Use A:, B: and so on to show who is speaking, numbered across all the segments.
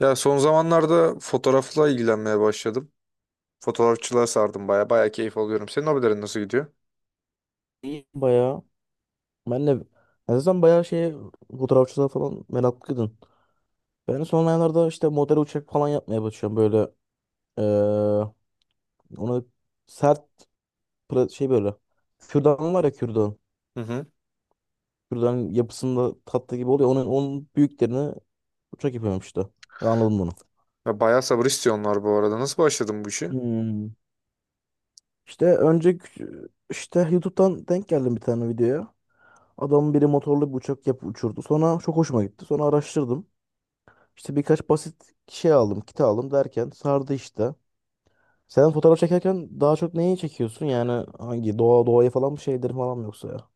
A: Ya son zamanlarda fotoğrafla ilgilenmeye başladım. Fotoğrafçılığa sardım baya. Baya keyif alıyorum. Senin hobilerin nasıl gidiyor?
B: İyi bayağı. Ben de, ben zaten bayağı şeye, fotoğrafçılığa falan meraklıydım. Ben son aylarda işte model uçak falan yapmaya başlıyorum böyle. eee, ona sert şey böyle. Kürdan var ya, kürdan.
A: Hı hı.
B: Kürdanın yapısında tatlı gibi oluyor. Onun büyüklerini uçak yapıyorum işte. Ben anladım bunu.
A: Ya bayağı sabır istiyorlar bu arada. Nasıl başladın bu işe?
B: Hmm. İşte önce işte YouTube'dan denk geldim bir tane videoya. Adamın biri motorlu bir uçak yapıp uçurdu. Sonra çok hoşuma gitti. Sonra araştırdım. İşte birkaç basit şey aldım, kit aldım, derken sardı işte. Sen fotoğraf çekerken daha çok neyi çekiyorsun? Yani hangi doğaya falan mı, şeyleri falan mı, yoksa ya?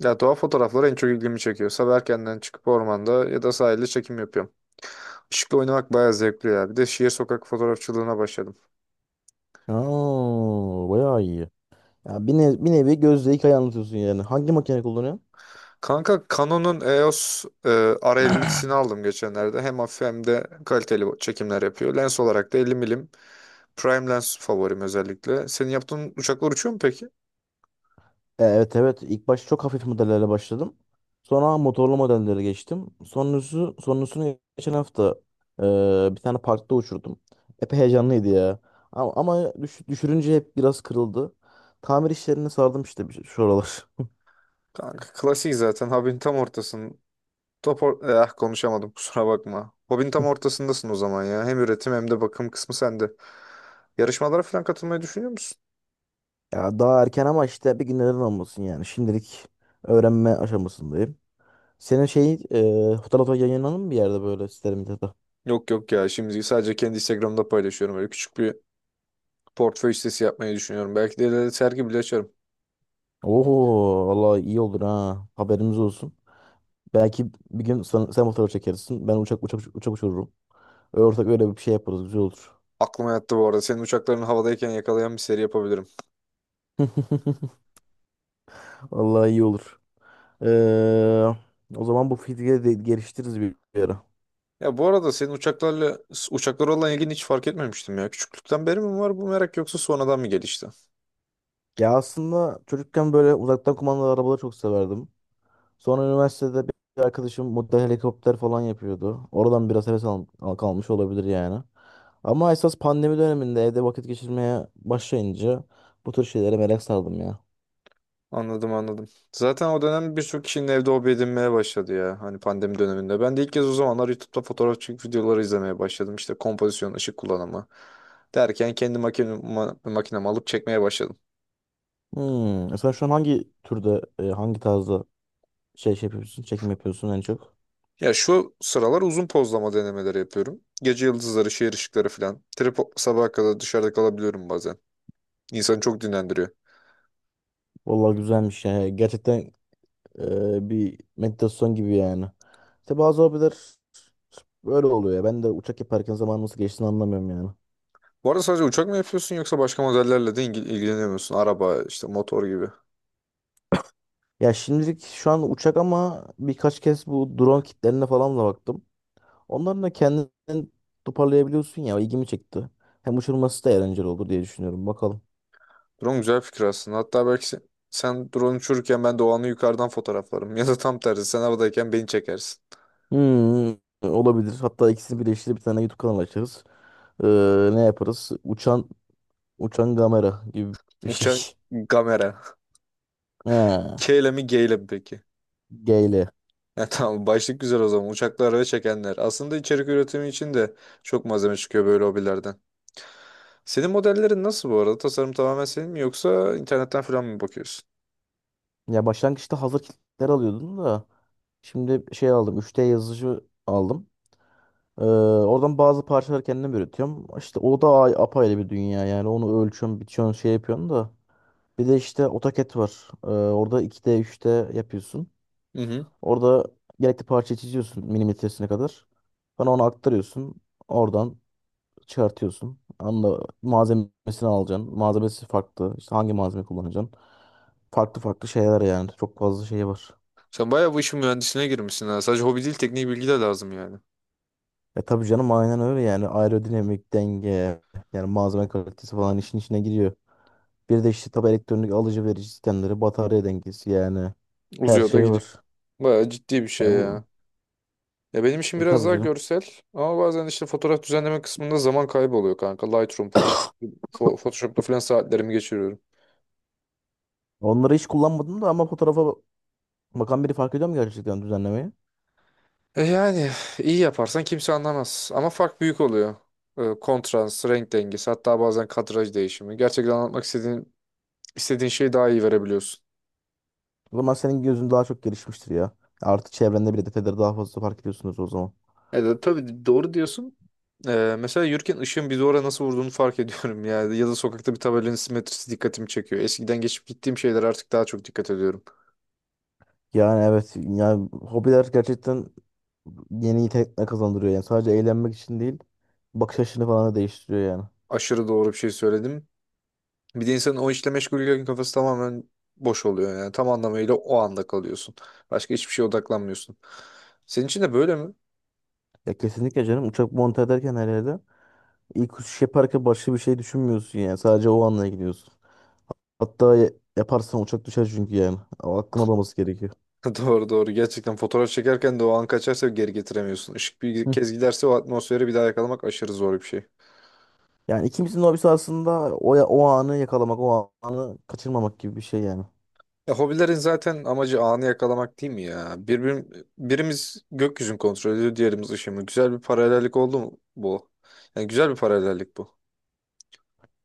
A: Ya doğa fotoğrafları en çok ilgimi çekiyor. Sabah erkenden çıkıp ormanda ya da sahilde çekim yapıyorum. Işıkla oynamak bayağı zevkli ya. Bir de şehir sokak fotoğrafçılığına başladım.
B: Aa, bayağı iyi. Ya, bir nevi gözle hikaye anlatıyorsun yani. Hangi makine kullanıyorsun?
A: Kanka Canon'un EOS R50'sini aldım geçenlerde. Hem hafif hem de kaliteli çekimler yapıyor. Lens olarak da 50 milim prime lens favorim özellikle. Senin yaptığın uçaklar uçuyor mu peki?
B: Evet, evet, ilk başta çok hafif modellerle başladım. Sonra motorlu modellere geçtim. Sonrasını geçen hafta, e, bir tane parkta uçurdum. Epey heyecanlıydı ya. Ama düşürünce hep biraz kırıldı. Tamir işlerine sardım işte şu aralar.
A: Kanka klasik zaten. Hub'in tam ortasın. Konuşamadım kusura bakma. Hobin tam ortasındasın o zaman ya. Hem üretim hem de bakım kısmı sende. Yarışmalara falan katılmayı düşünüyor musun?
B: Ya daha erken ama işte bir gün neden olmasın yani. Şimdilik öğrenme aşamasındayım. Senin şey, fotoğrafı yayınlanır mı bir yerde, böyle siteler medyada?
A: Yok yok ya, şimdi sadece kendi Instagram'da paylaşıyorum. Böyle küçük bir portföy sitesi yapmayı düşünüyorum. Belki de ileride sergi bile açarım.
B: Oho, valla iyi olur ha. Haberimiz olsun. Belki bir gün sen fotoğraf çekersin. Ben uçak uçururum. Ortak öyle bir şey yaparız. Güzel olur.
A: Aklıma yattı bu arada. Senin uçakların havadayken yakalayan bir seri yapabilirim.
B: Vallahi iyi olur. Ee, O zaman bu fikri de geliştiririz bir ara.
A: Ya bu arada senin uçaklara olan ilgini hiç fark etmemiştim ya. Küçüklükten beri mi var bu merak yoksa sonradan mı gelişti?
B: Ya aslında çocukken böyle uzaktan kumandalı arabaları çok severdim. Sonra üniversitede bir arkadaşım model helikopter falan yapıyordu. Oradan biraz heves kalmış olabilir yani. Ama esas pandemi döneminde evde vakit geçirmeye başlayınca bu tür şeylere merak sardım ya.
A: Anladım, anladım. Zaten o dönem birçok kişinin evde hobi edinmeye başladı ya. Hani pandemi döneminde. Ben de ilk kez o zamanlar YouTube'da fotoğraf çekip videoları izlemeye başladım. İşte kompozisyon, ışık kullanımı derken kendi makinemi alıp çekmeye başladım.
B: Hmm. Sen şu an hangi türde, hangi tarzda çekim yapıyorsun en çok?
A: Ya şu sıralar uzun pozlama denemeleri yapıyorum. Gece yıldızları, şehir ışıkları falan. Tripod sabaha kadar dışarıda kalabiliyorum bazen. İnsanı çok dinlendiriyor.
B: Vallahi güzelmiş yani. Gerçekten bir meditasyon gibi yani. İşte bazı hobiler böyle oluyor ya. Ben de uçak yaparken zaman nasıl geçtiğini anlamıyorum yani.
A: Bu arada sadece uçak mı yapıyorsun yoksa başka modellerle de ilgileniyor musun? Araba, işte motor gibi.
B: Ya şimdilik şu an uçak ama birkaç kez bu drone kitlerine falan da baktım. Onların da kendini toparlayabiliyorsun ya, o ilgimi çekti. Hem uçurması da eğlenceli olur diye düşünüyorum. Bakalım.
A: Drone güzel fikir aslında. Hatta belki sen drone uçururken ben de o anı yukarıdan fotoğraflarım. Ya da tam tersi sen havadayken beni çekersin.
B: Hmm, olabilir. Hatta ikisini birleştirip bir tane YouTube kanalı açarız. Ne yaparız? Uçan kamera gibi bir şey.
A: Uçak kamera.
B: Ha,
A: K ile mi G ile mi peki?
B: G.
A: Ya, tamam başlık güzel o zaman. Uçaklar ve çekenler. Aslında içerik üretimi için de çok malzeme çıkıyor böyle hobilerden. Senin modellerin nasıl bu arada? Tasarım tamamen senin mi yoksa internetten falan mı bakıyorsun?
B: Ya başlangıçta hazır kitler alıyordun da şimdi şey aldım. 3D yazıcı aldım. Ee, Oradan bazı parçaları kendim üretiyorum. İşte o da apayrı bir dünya yani. Onu ölçüyorsun, biçiyorsun, şey yapıyorsun da. Bir de işte AutoCAD var. Orada 2D 3D yapıyorsun.
A: Hı hı.
B: Orada gerekli parçayı çiziyorsun milimetresine kadar. Sonra onu aktarıyorsun. Oradan çıkartıyorsun. Anla malzemesini alacaksın. Malzemesi farklı. İşte hangi malzeme kullanacaksın? Farklı farklı şeyler yani. Çok fazla şey var.
A: Sen bayağı bu işin mühendisliğine girmişsin ha. Sadece hobi değil, tekniği bilgi de lazım yani.
B: E, tabii canım, aynen öyle yani. Aerodinamik denge, yani malzeme kalitesi falan işin içine giriyor. Bir de işte tabi elektronik alıcı verici sistemleri, batarya dengesi, yani her
A: Uzuyor da
B: şey
A: gidiyor.
B: var.
A: Bayağı ciddi bir
B: Ya
A: şey ya.
B: bu,
A: Ya benim işim biraz
B: tabii
A: daha
B: canım.
A: görsel ama bazen işte fotoğraf düzenleme kısmında zaman kaybı oluyor kanka. Lightroom, Photoshop, Photoshop'la falan saatlerimi geçiriyorum.
B: Onları hiç kullanmadım da, ama fotoğrafa bakan biri fark ediyor mu gerçekten düzenlemeyi?
A: Yani iyi yaparsan kimse anlamaz ama fark büyük oluyor. Kontrast, renk dengesi, hatta bazen kadraj değişimi. Gerçekten anlatmak istediğin şeyi daha iyi verebiliyorsun.
B: O zaman senin gözün daha çok gelişmiştir ya. Artık çevrende bile detayları daha fazla fark ediyorsunuz o zaman.
A: Tabii, doğru diyorsun. Mesela yürürken ışığın bir duvara nasıl vurduğunu fark ediyorum yani. Ya da sokakta bir tabelanın simetrisi dikkatimi çekiyor. Eskiden geçip gittiğim şeyler, artık daha çok dikkat ediyorum.
B: Yani evet, yani hobiler gerçekten yeni yetenekler kazandırıyor yani. Sadece eğlenmek için değil, bakış açını falan da değiştiriyor yani.
A: Aşırı doğru bir şey söyledim. Bir de insanın o işle meşgulken kafası tamamen boş oluyor yani. Tam anlamıyla o anda kalıyorsun. Başka hiçbir şeye odaklanmıyorsun. Senin için de böyle mi?
B: Ya kesinlikle canım, uçak monte ederken, her yerde ilk uçuş yaparken başka bir şey düşünmüyorsun yani. Sadece o anla gidiyorsun. Hatta yaparsan uçak düşer çünkü yani. O hakkın olması gerekiyor.
A: Doğru, doğru. Gerçekten fotoğraf çekerken de o an kaçarsa geri getiremiyorsun. Işık bir
B: Hı.
A: kez giderse o atmosferi bir daha yakalamak aşırı zor bir şey.
B: Yani ikimizin de hobisi aslında o anı yakalamak, o anı kaçırmamak gibi bir şey yani.
A: Ya, hobilerin zaten amacı anı yakalamak değil mi ya? Birimiz gökyüzünü kontrol ediyor, diğerimiz ışığı mı? Güzel bir paralellik oldu mu bu? Yani güzel bir paralellik bu.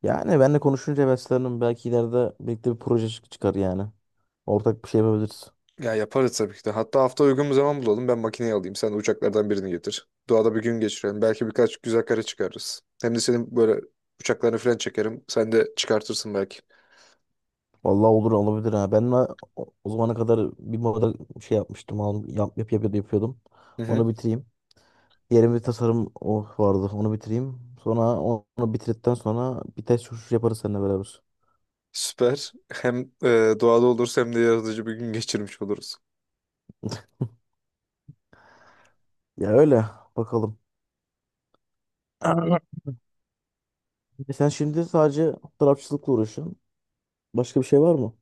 B: Yani benle konuşunca heveslendim. Belki ileride birlikte bir proje çıkar yani. Ortak bir şey yapabiliriz.
A: Ya yaparız tabii ki de. Hatta hafta uygun bir zaman bulalım. Ben makineyi alayım. Sen de uçaklardan birini getir. Doğada bir gün geçirelim. Belki birkaç güzel kare çıkarırız. Hem de senin böyle uçaklarını falan çekerim. Sen de çıkartırsın belki.
B: Vallahi olur, olabilir ha. Ben de o zamana kadar bir moda şey yapmıştım. Yapıyordum.
A: Hı hı.
B: Onu bitireyim. Diğer bir tasarım o vardı. Onu bitireyim. Sonra onu bitirdikten sonra bir test uçuşu yaparız seninle beraber.
A: Süper. Hem doğada oluruz hem de yaratıcı bir gün geçirmiş oluruz.
B: Ya öyle. Bakalım. Sen şimdi sadece tarafçılıkla uğraşıyorsun. Başka bir şey var mı?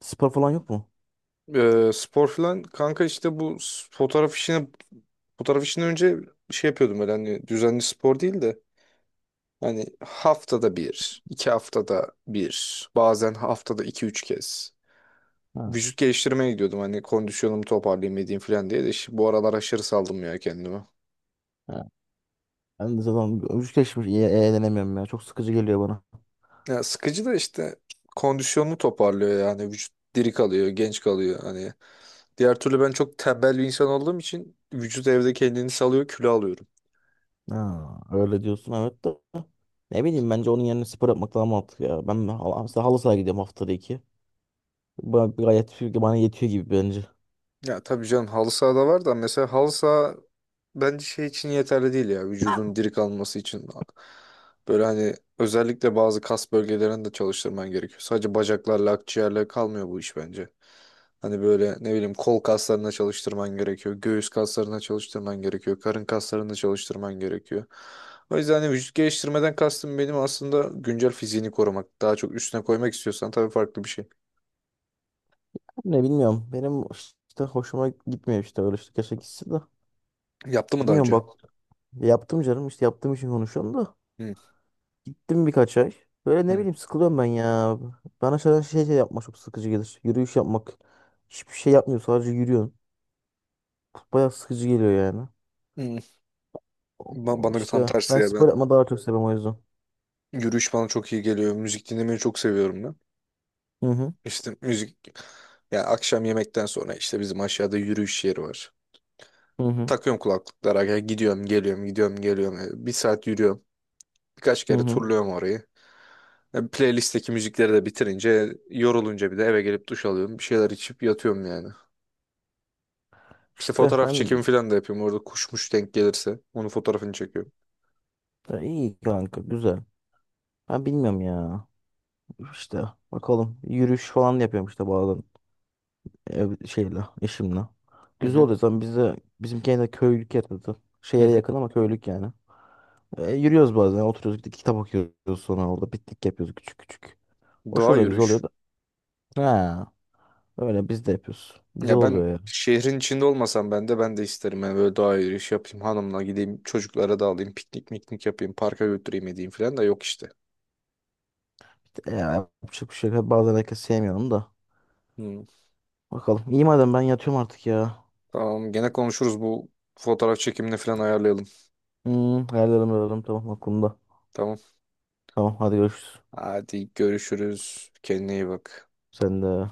B: Spor falan yok mu?
A: Spor falan kanka, işte fotoğraf işini önce şey yapıyordum, öyle hani düzenli spor değil de hani haftada bir, iki haftada bir, bazen haftada iki üç kez.
B: Ha,
A: Vücut geliştirmeye gidiyordum. Hani kondisyonumu toparlayayım edeyim falan diye de, işte bu aralar aşırı saldım ya kendime.
B: ha. Ben de zaten hiç geçmiş eğlenemiyorum ya. Çok sıkıcı geliyor bana.
A: Ya sıkıcı da işte kondisyonunu toparlıyor yani, vücut diri kalıyor, genç kalıyor hani. Diğer türlü ben çok tembel bir insan olduğum için vücut evde kendini salıyor, kilo alıyorum.
B: Ha, öyle diyorsun, evet de. Ne bileyim, bence onun yerine spor yapmak daha mantıklı ya. Ben mesela halı sahaya gidiyorum haftada iki. Gayet bana yetiyor gibi bence.
A: Ya tabii canım, halı saha da var da mesela halı saha bence şey için yeterli değil ya, vücudun diri kalması için. Böyle hani özellikle bazı kas bölgelerini de çalıştırman gerekiyor. Sadece bacaklarla akciğerle kalmıyor bu iş bence. Hani böyle ne bileyim, kol kaslarına çalıştırman gerekiyor. Göğüs kaslarına çalıştırman gerekiyor. Karın kaslarına çalıştırman gerekiyor. O yüzden hani vücut geliştirmeden kastım benim aslında güncel fiziğini korumak. Daha çok üstüne koymak istiyorsan tabii farklı bir şey.
B: Ne bilmiyorum. Benim işte hoşuma gitmiyor, işte öyle işte, keşke gitsin de.
A: Yaptı mı daha
B: Bilmiyorum
A: önce?
B: bak, yaptım canım, işte yaptığım için konuşuyorum da.
A: Hı.
B: Gittim birkaç ay. Böyle ne bileyim sıkılıyorum ben ya. Bana şöyle şey yapmak çok sıkıcı gelir. Yürüyüş yapmak. Hiçbir şey yapmıyorsun, sadece yürüyorsun. Bayağı sıkıcı geliyor yani.
A: Hı. Ben, bana tam
B: İşte
A: tersi
B: ben
A: ya ben.
B: spor yapma daha çok seviyorum, o yüzden.
A: Yürüyüş bana çok iyi geliyor. Müzik dinlemeyi çok seviyorum ben.
B: Hı hı.
A: İşte müzik, ya akşam yemekten sonra işte bizim aşağıda yürüyüş yeri var.
B: Hı hı.
A: Takıyorum kulaklıklara, ya gidiyorum geliyorum gidiyorum geliyorum. Bir saat yürüyorum. Birkaç
B: Hı
A: kere
B: hı.
A: turluyorum orayı. Playlist'teki müzikleri de bitirince, yorulunca, bir de eve gelip duş alıyorum. Bir şeyler içip yatıyorum yani. İşte
B: İşte
A: fotoğraf
B: ben.
A: çekimi falan da yapıyorum. Orada kuşmuş denk gelirse onun fotoğrafını çekiyorum.
B: Ya iyi kanka, güzel. Ben bilmiyorum ya. İşte bakalım, yürüyüş falan da yapıyorum işte bazen ev şeyle eşimle.
A: Hı
B: Güzel
A: hı.
B: oluyor zaten, bize, bizim kendi köylük yerde,
A: Hı
B: şehre
A: hı.
B: yakın ama köylük yani. Yürüyoruz bazen, oturuyoruz gidip kitap okuyoruz, sonra orada piknik yapıyoruz küçük küçük. O
A: Doğa
B: şöyle güzel oluyor
A: yürüyüş.
B: da. Ha, öyle biz de yapıyoruz. Güzel
A: Ya ben
B: oluyor ya.
A: şehrin içinde olmasam ben de isterim. Yani böyle doğa yürüyüşü yapayım, hanımla gideyim, çocuklara da alayım, piknik miknik yapayım, parka götüreyim edeyim falan da yok işte.
B: E, Yapacak bir şey yok. Bazen herkes sevmiyorum da.
A: Hmm.
B: Bakalım. İyi madem, ben yatıyorum artık ya.
A: Tamam, gene konuşuruz, bu fotoğraf çekimini falan ayarlayalım.
B: Hayallerim, hayallerim tamam, aklımda.
A: Tamam.
B: Tamam hadi görüşürüz.
A: Hadi görüşürüz. Kendine iyi bak.
B: Sen de.